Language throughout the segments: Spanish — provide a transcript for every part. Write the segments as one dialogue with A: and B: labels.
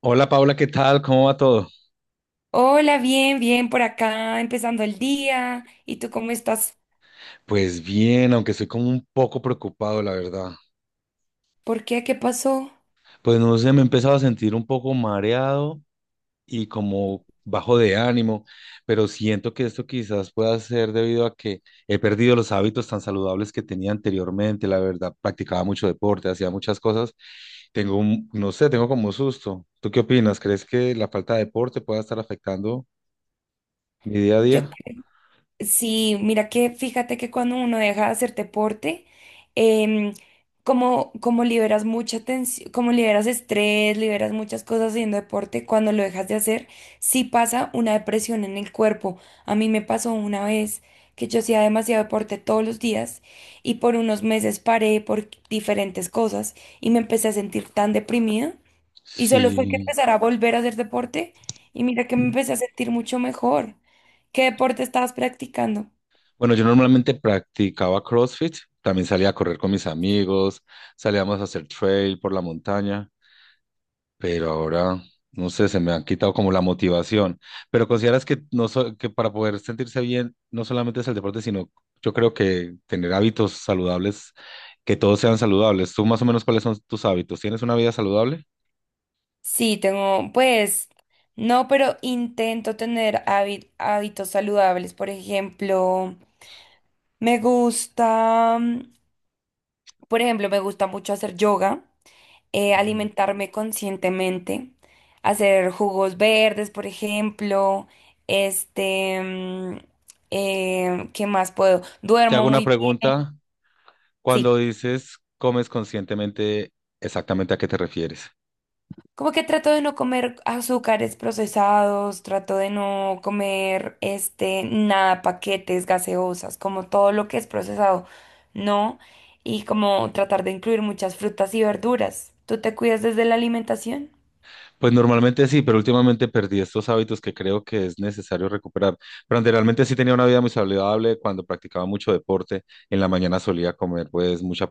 A: Hola Paula, ¿qué tal? ¿Cómo va todo?
B: Hola, bien, bien por acá, empezando el día. ¿Y tú cómo estás?
A: Pues bien, aunque estoy como un poco preocupado, la verdad.
B: ¿Por qué? ¿Qué pasó?
A: Pues no sé, me he empezado a sentir un poco mareado y como bajo de ánimo, pero siento que esto quizás pueda ser debido a que he perdido los hábitos tan saludables que tenía anteriormente, la verdad. Practicaba mucho deporte, hacía muchas cosas. Tengo un, no sé, tengo como un susto. ¿Tú qué opinas? ¿Crees que la falta de deporte pueda estar afectando mi día a
B: Yo,
A: día?
B: sí, mira que fíjate que cuando uno deja de hacer deporte, em, como liberas mucha tensión, como liberas estrés, liberas muchas cosas haciendo deporte, cuando lo dejas de hacer, sí pasa una depresión en el cuerpo. A mí me pasó una vez que yo hacía demasiado deporte todos los días y por unos meses paré por diferentes cosas y me empecé a sentir tan deprimida. Y solo fue que
A: Sí.
B: empezar a volver a hacer deporte y mira que me empecé a sentir mucho mejor. ¿Qué deporte estabas practicando?
A: Bueno, yo normalmente practicaba CrossFit, también salía a correr con mis amigos, salíamos a hacer trail por la montaña, pero ahora, no sé, se me han quitado como la motivación. Pero consideras que, no so- que para poder sentirse bien, no solamente es el deporte, sino yo creo que tener hábitos saludables, que todos sean saludables. ¿Tú más o menos cuáles son tus hábitos? ¿Tienes una vida saludable?
B: Sí, tengo, pues, no, pero intento tener hábitos saludables. Por ejemplo, me gusta, por ejemplo, me gusta mucho hacer yoga,
A: Mm.
B: alimentarme conscientemente, hacer jugos verdes, por ejemplo, este, mm, ¿qué más puedo?
A: Te
B: Duermo
A: hago una
B: muy bien.
A: pregunta. Cuando
B: Sí.
A: dices comes conscientemente, ¿exactamente a qué te refieres?
B: Como que trato de no comer azúcares procesados, trato de no comer nada, paquetes, gaseosas, como todo lo que es procesado, no, y como tratar de incluir muchas frutas y verduras. ¿Tú te cuidas desde la alimentación?
A: Pues normalmente sí, pero últimamente perdí estos hábitos que creo que es necesario recuperar. Pero anteriormente sí tenía una vida muy saludable cuando practicaba mucho deporte. En la mañana solía comer pues mucha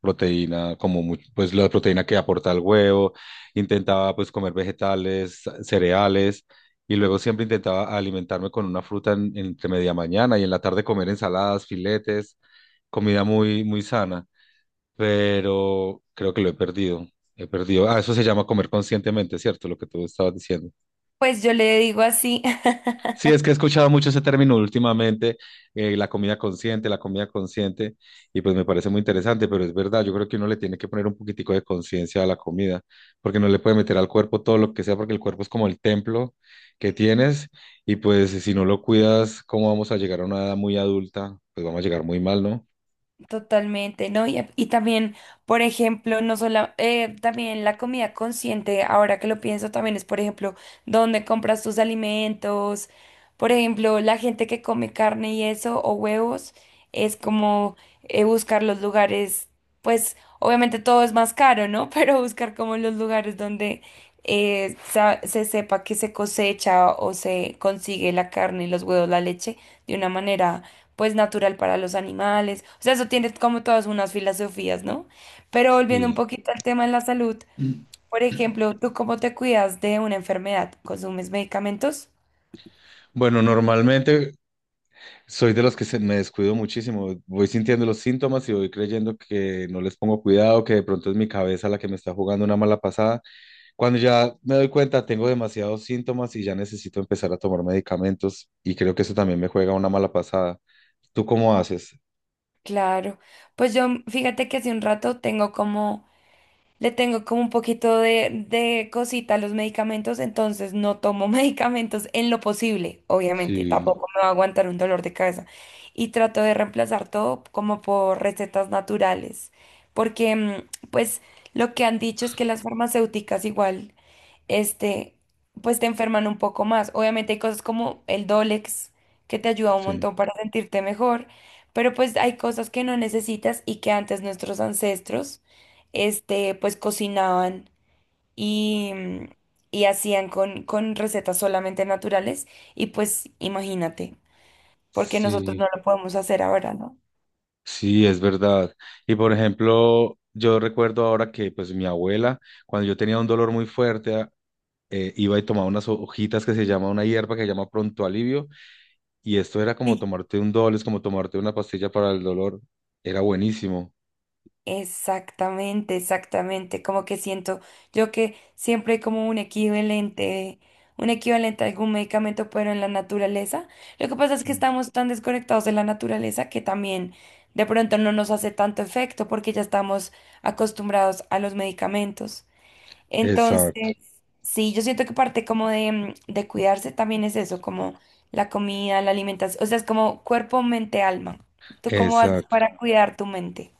A: proteína, pues la proteína que aporta el huevo. Intentaba pues comer vegetales, cereales y luego siempre intentaba alimentarme con una fruta entre media mañana y en la tarde comer ensaladas, filetes, comida muy muy sana pero creo que lo he perdido. He perdido. Ah, eso se llama comer conscientemente, ¿cierto? Lo que tú estabas diciendo.
B: Pues yo le digo así.
A: Sí, es que he escuchado mucho ese término últimamente, la comida consciente, y pues me parece muy interesante, pero es verdad, yo creo que uno le tiene que poner un poquitico de conciencia a la comida, porque no le puede meter al cuerpo todo lo que sea, porque el cuerpo es como el templo que tienes, y pues si no lo cuidas, ¿cómo vamos a llegar a una edad muy adulta? Pues vamos a llegar muy mal, ¿no?
B: Totalmente, ¿no? Y también, por ejemplo, no solo, también la comida consciente, ahora que lo pienso, también es, por ejemplo, dónde compras tus alimentos, por ejemplo, la gente que come carne y eso, o huevos, es como buscar los lugares, pues obviamente todo es más caro, ¿no? Pero buscar como los lugares donde se sepa que se cosecha o se consigue la carne, los huevos, la leche, de una manera pues natural para los animales. O sea, eso tiene como todas unas filosofías, ¿no? Pero volviendo un
A: Sí.
B: poquito al tema de la salud, por ejemplo, ¿tú cómo te cuidas de una enfermedad? ¿Consumes medicamentos?
A: Bueno, normalmente soy de los me descuido muchísimo. Voy sintiendo los síntomas y voy creyendo que no les pongo cuidado, que de pronto es mi cabeza la que me está jugando una mala pasada. Cuando ya me doy cuenta, tengo demasiados síntomas y ya necesito empezar a tomar medicamentos y creo que eso también me juega una mala pasada. ¿Tú cómo haces?
B: Claro. Pues yo, fíjate que hace un rato tengo como... Le tengo como un poquito de cosita a los medicamentos, entonces no tomo medicamentos en lo posible, obviamente.
A: Sí,
B: Tampoco me va a aguantar un dolor de cabeza. Y trato de reemplazar todo como por recetas naturales, porque pues lo que han dicho es que las farmacéuticas igual este, pues te enferman un poco más. Obviamente hay cosas como el Dolex que te ayuda un
A: sí,
B: montón para sentirte mejor, pero pues hay cosas que no necesitas y que antes nuestros ancestros, pues cocinaban y, y hacían con recetas solamente naturales y pues imagínate, porque nosotros no
A: sí,
B: lo podemos hacer ahora, ¿no?
A: sí, es verdad. Y por ejemplo, yo recuerdo ahora que pues mi abuela, cuando yo tenía un dolor muy fuerte, iba y tomaba unas hojitas que se llama una hierba que se llama pronto alivio. Y esto era como
B: Sí.
A: tomarte un es como tomarte una pastilla para el dolor. Era buenísimo.
B: Exactamente, exactamente. Como que siento yo que siempre hay como un equivalente a algún medicamento, pero en la naturaleza. Lo que pasa es que
A: Sí.
B: estamos tan desconectados de la naturaleza que también de pronto no nos hace tanto efecto porque ya estamos acostumbrados a los medicamentos. Entonces,
A: Exacto,
B: sí, yo siento que parte como de, de cuidarse también es eso, como la comida, la alimentación. O sea, es como cuerpo, mente, alma. ¿Tú cómo haces
A: exacto.
B: para cuidar tu mente?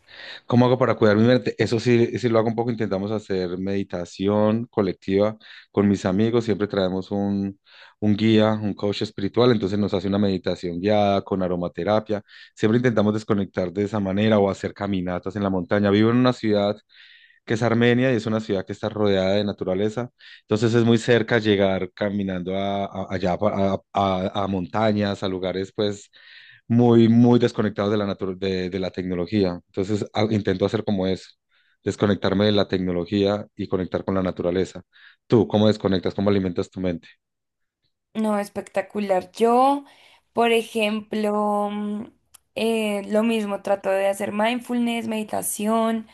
A: ¿Cómo hago para cuidar mi mente? Eso sí, sí lo hago un poco. Intentamos hacer meditación colectiva con mis amigos. Siempre traemos un guía, un coach espiritual. Entonces nos hace una meditación guiada con aromaterapia. Siempre intentamos desconectar de esa manera o hacer caminatas en la montaña. Vivo en una ciudad que es Armenia y es una ciudad que está rodeada de naturaleza. Entonces es muy cerca llegar caminando a- allá pa- a montañas, a lugares pues muy, muy desconectados de de la tecnología. Entonces intento hacer como eso, desconectarme de la tecnología y conectar con la naturaleza. ¿Tú cómo desconectas? ¿Cómo alimentas tu mente?
B: No, espectacular. Yo, por ejemplo, lo mismo, trato de hacer mindfulness, meditación.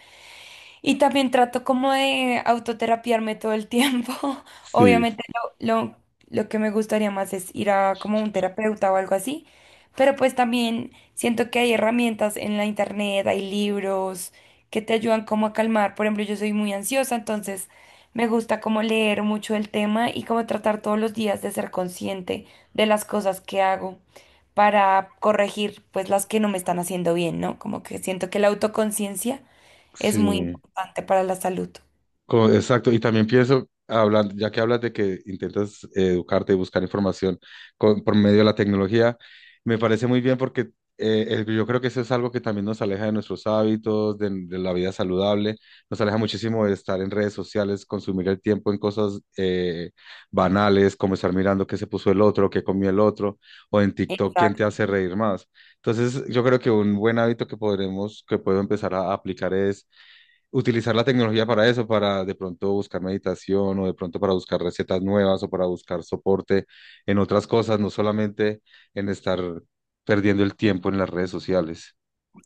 B: Y también trato como de autoterapiarme todo el tiempo.
A: Sí,
B: Obviamente lo, lo, lo que me gustaría más es ir a como un terapeuta o algo así, pero pues también siento que hay herramientas en la internet, hay libros que te ayudan como a calmar. Por ejemplo, yo soy muy ansiosa, entonces me gusta como leer mucho el tema y como tratar todos los días de ser consciente de las cosas que hago para corregir pues las que no me están haciendo bien, ¿no? Como que siento que la autoconciencia es muy
A: sí.
B: importante para la salud.
A: Exacto, y también pienso, hablando, ya que hablas de que intentas educarte y buscar información por medio de la tecnología, me parece muy bien porque yo creo que eso es algo que también nos aleja de nuestros hábitos, de la vida saludable, nos aleja muchísimo de estar en redes sociales, consumir el tiempo en cosas banales, como estar mirando qué se puso el otro, qué comió el otro, o en TikTok quién te
B: Exacto.
A: hace reír más. Entonces, yo creo que un buen hábito que que puedo empezar a aplicar es utilizar la tecnología para eso, para de pronto buscar meditación o de pronto para buscar recetas nuevas o para buscar soporte en otras cosas, no solamente en estar perdiendo el tiempo en las redes sociales.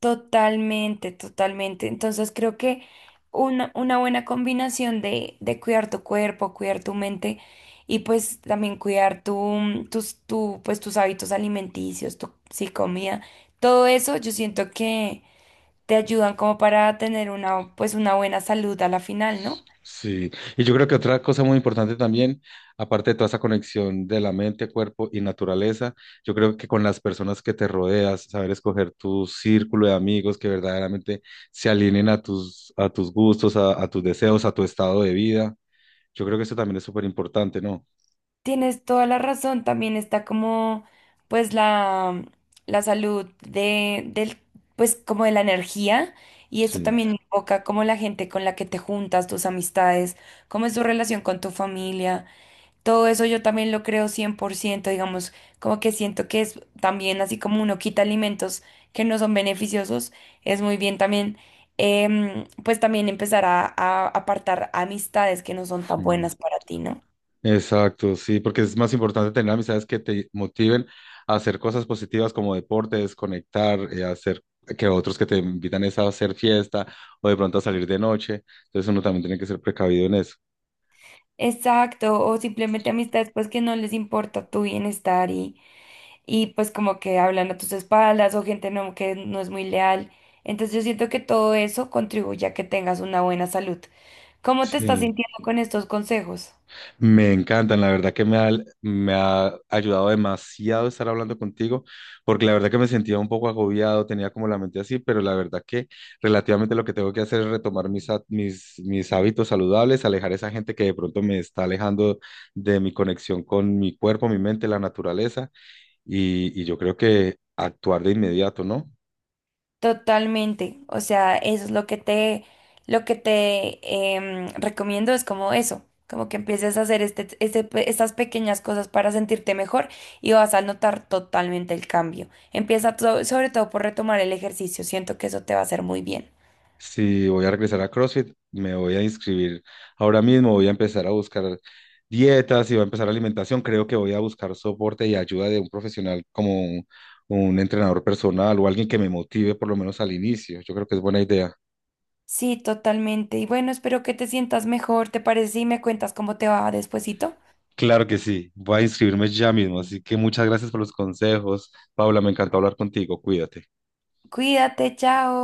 B: Totalmente, totalmente. Entonces creo que una buena combinación de cuidar tu cuerpo, cuidar tu mente y pues también cuidar tus pues, tus hábitos alimenticios, tu sí, comida, todo eso yo siento que te ayudan como para tener una, pues, una buena salud a la final, ¿no?
A: Sí, y yo creo que otra cosa muy importante también, aparte de toda esa conexión de la mente, cuerpo y naturaleza, yo creo que con las personas que te rodeas, saber escoger tu círculo de amigos que verdaderamente se alineen a a tus gustos, a tus deseos, a tu estado de vida, yo creo que eso también es súper importante, ¿no?
B: Tienes toda la razón, también está como pues la salud del pues como de la energía y esto
A: Sí,
B: también invoca como la gente con la que te juntas, tus amistades, cómo es tu relación con tu familia, todo eso yo también lo creo 100%. Digamos, como que siento que es también así como uno quita alimentos que no son beneficiosos, es muy bien también pues también empezar a apartar amistades que no son tan
A: sí.
B: buenas para ti, ¿no?
A: Exacto, sí, porque es más importante tener amistades que te motiven a hacer cosas positivas como deporte, desconectar, hacer que otros que te invitan es a hacer fiesta o de pronto a salir de noche. Entonces uno también tiene que ser precavido en eso.
B: Exacto, o simplemente amistades pues que no les importa tu bienestar y pues como que hablan a tus espaldas o gente no, que no es muy leal. Entonces yo siento que todo eso contribuye a que tengas una buena salud. ¿Cómo te estás
A: Sí.
B: sintiendo con estos consejos?
A: Me encantan, la verdad que me ha ayudado demasiado estar hablando contigo, porque la verdad que me sentía un poco agobiado, tenía como la mente así, pero la verdad que relativamente lo que tengo que hacer es retomar mis hábitos saludables, alejar esa gente que de pronto me está alejando de mi conexión con mi cuerpo, mi mente, la naturaleza, y yo creo que actuar de inmediato, ¿no?
B: Totalmente, o sea, eso es lo que te recomiendo es como eso, como que empieces a hacer estas pequeñas cosas para sentirte mejor y vas a notar totalmente el cambio. Empieza sobre todo por retomar el ejercicio, siento que eso te va a hacer muy bien.
A: Si voy a regresar a CrossFit, me voy a inscribir. Ahora mismo voy a empezar a buscar dietas y voy a empezar alimentación. Creo que voy a buscar soporte y ayuda de un profesional como un entrenador personal o alguien que me motive por lo menos al inicio. Yo creo que es buena idea.
B: Sí, totalmente. Y bueno, espero que te sientas mejor. ¿Te parece si me cuentas cómo te va despuesito?
A: Claro que sí, voy a inscribirme ya mismo. Así que muchas gracias por los consejos. Paula, me encantó hablar contigo. Cuídate.
B: Cuídate, chao.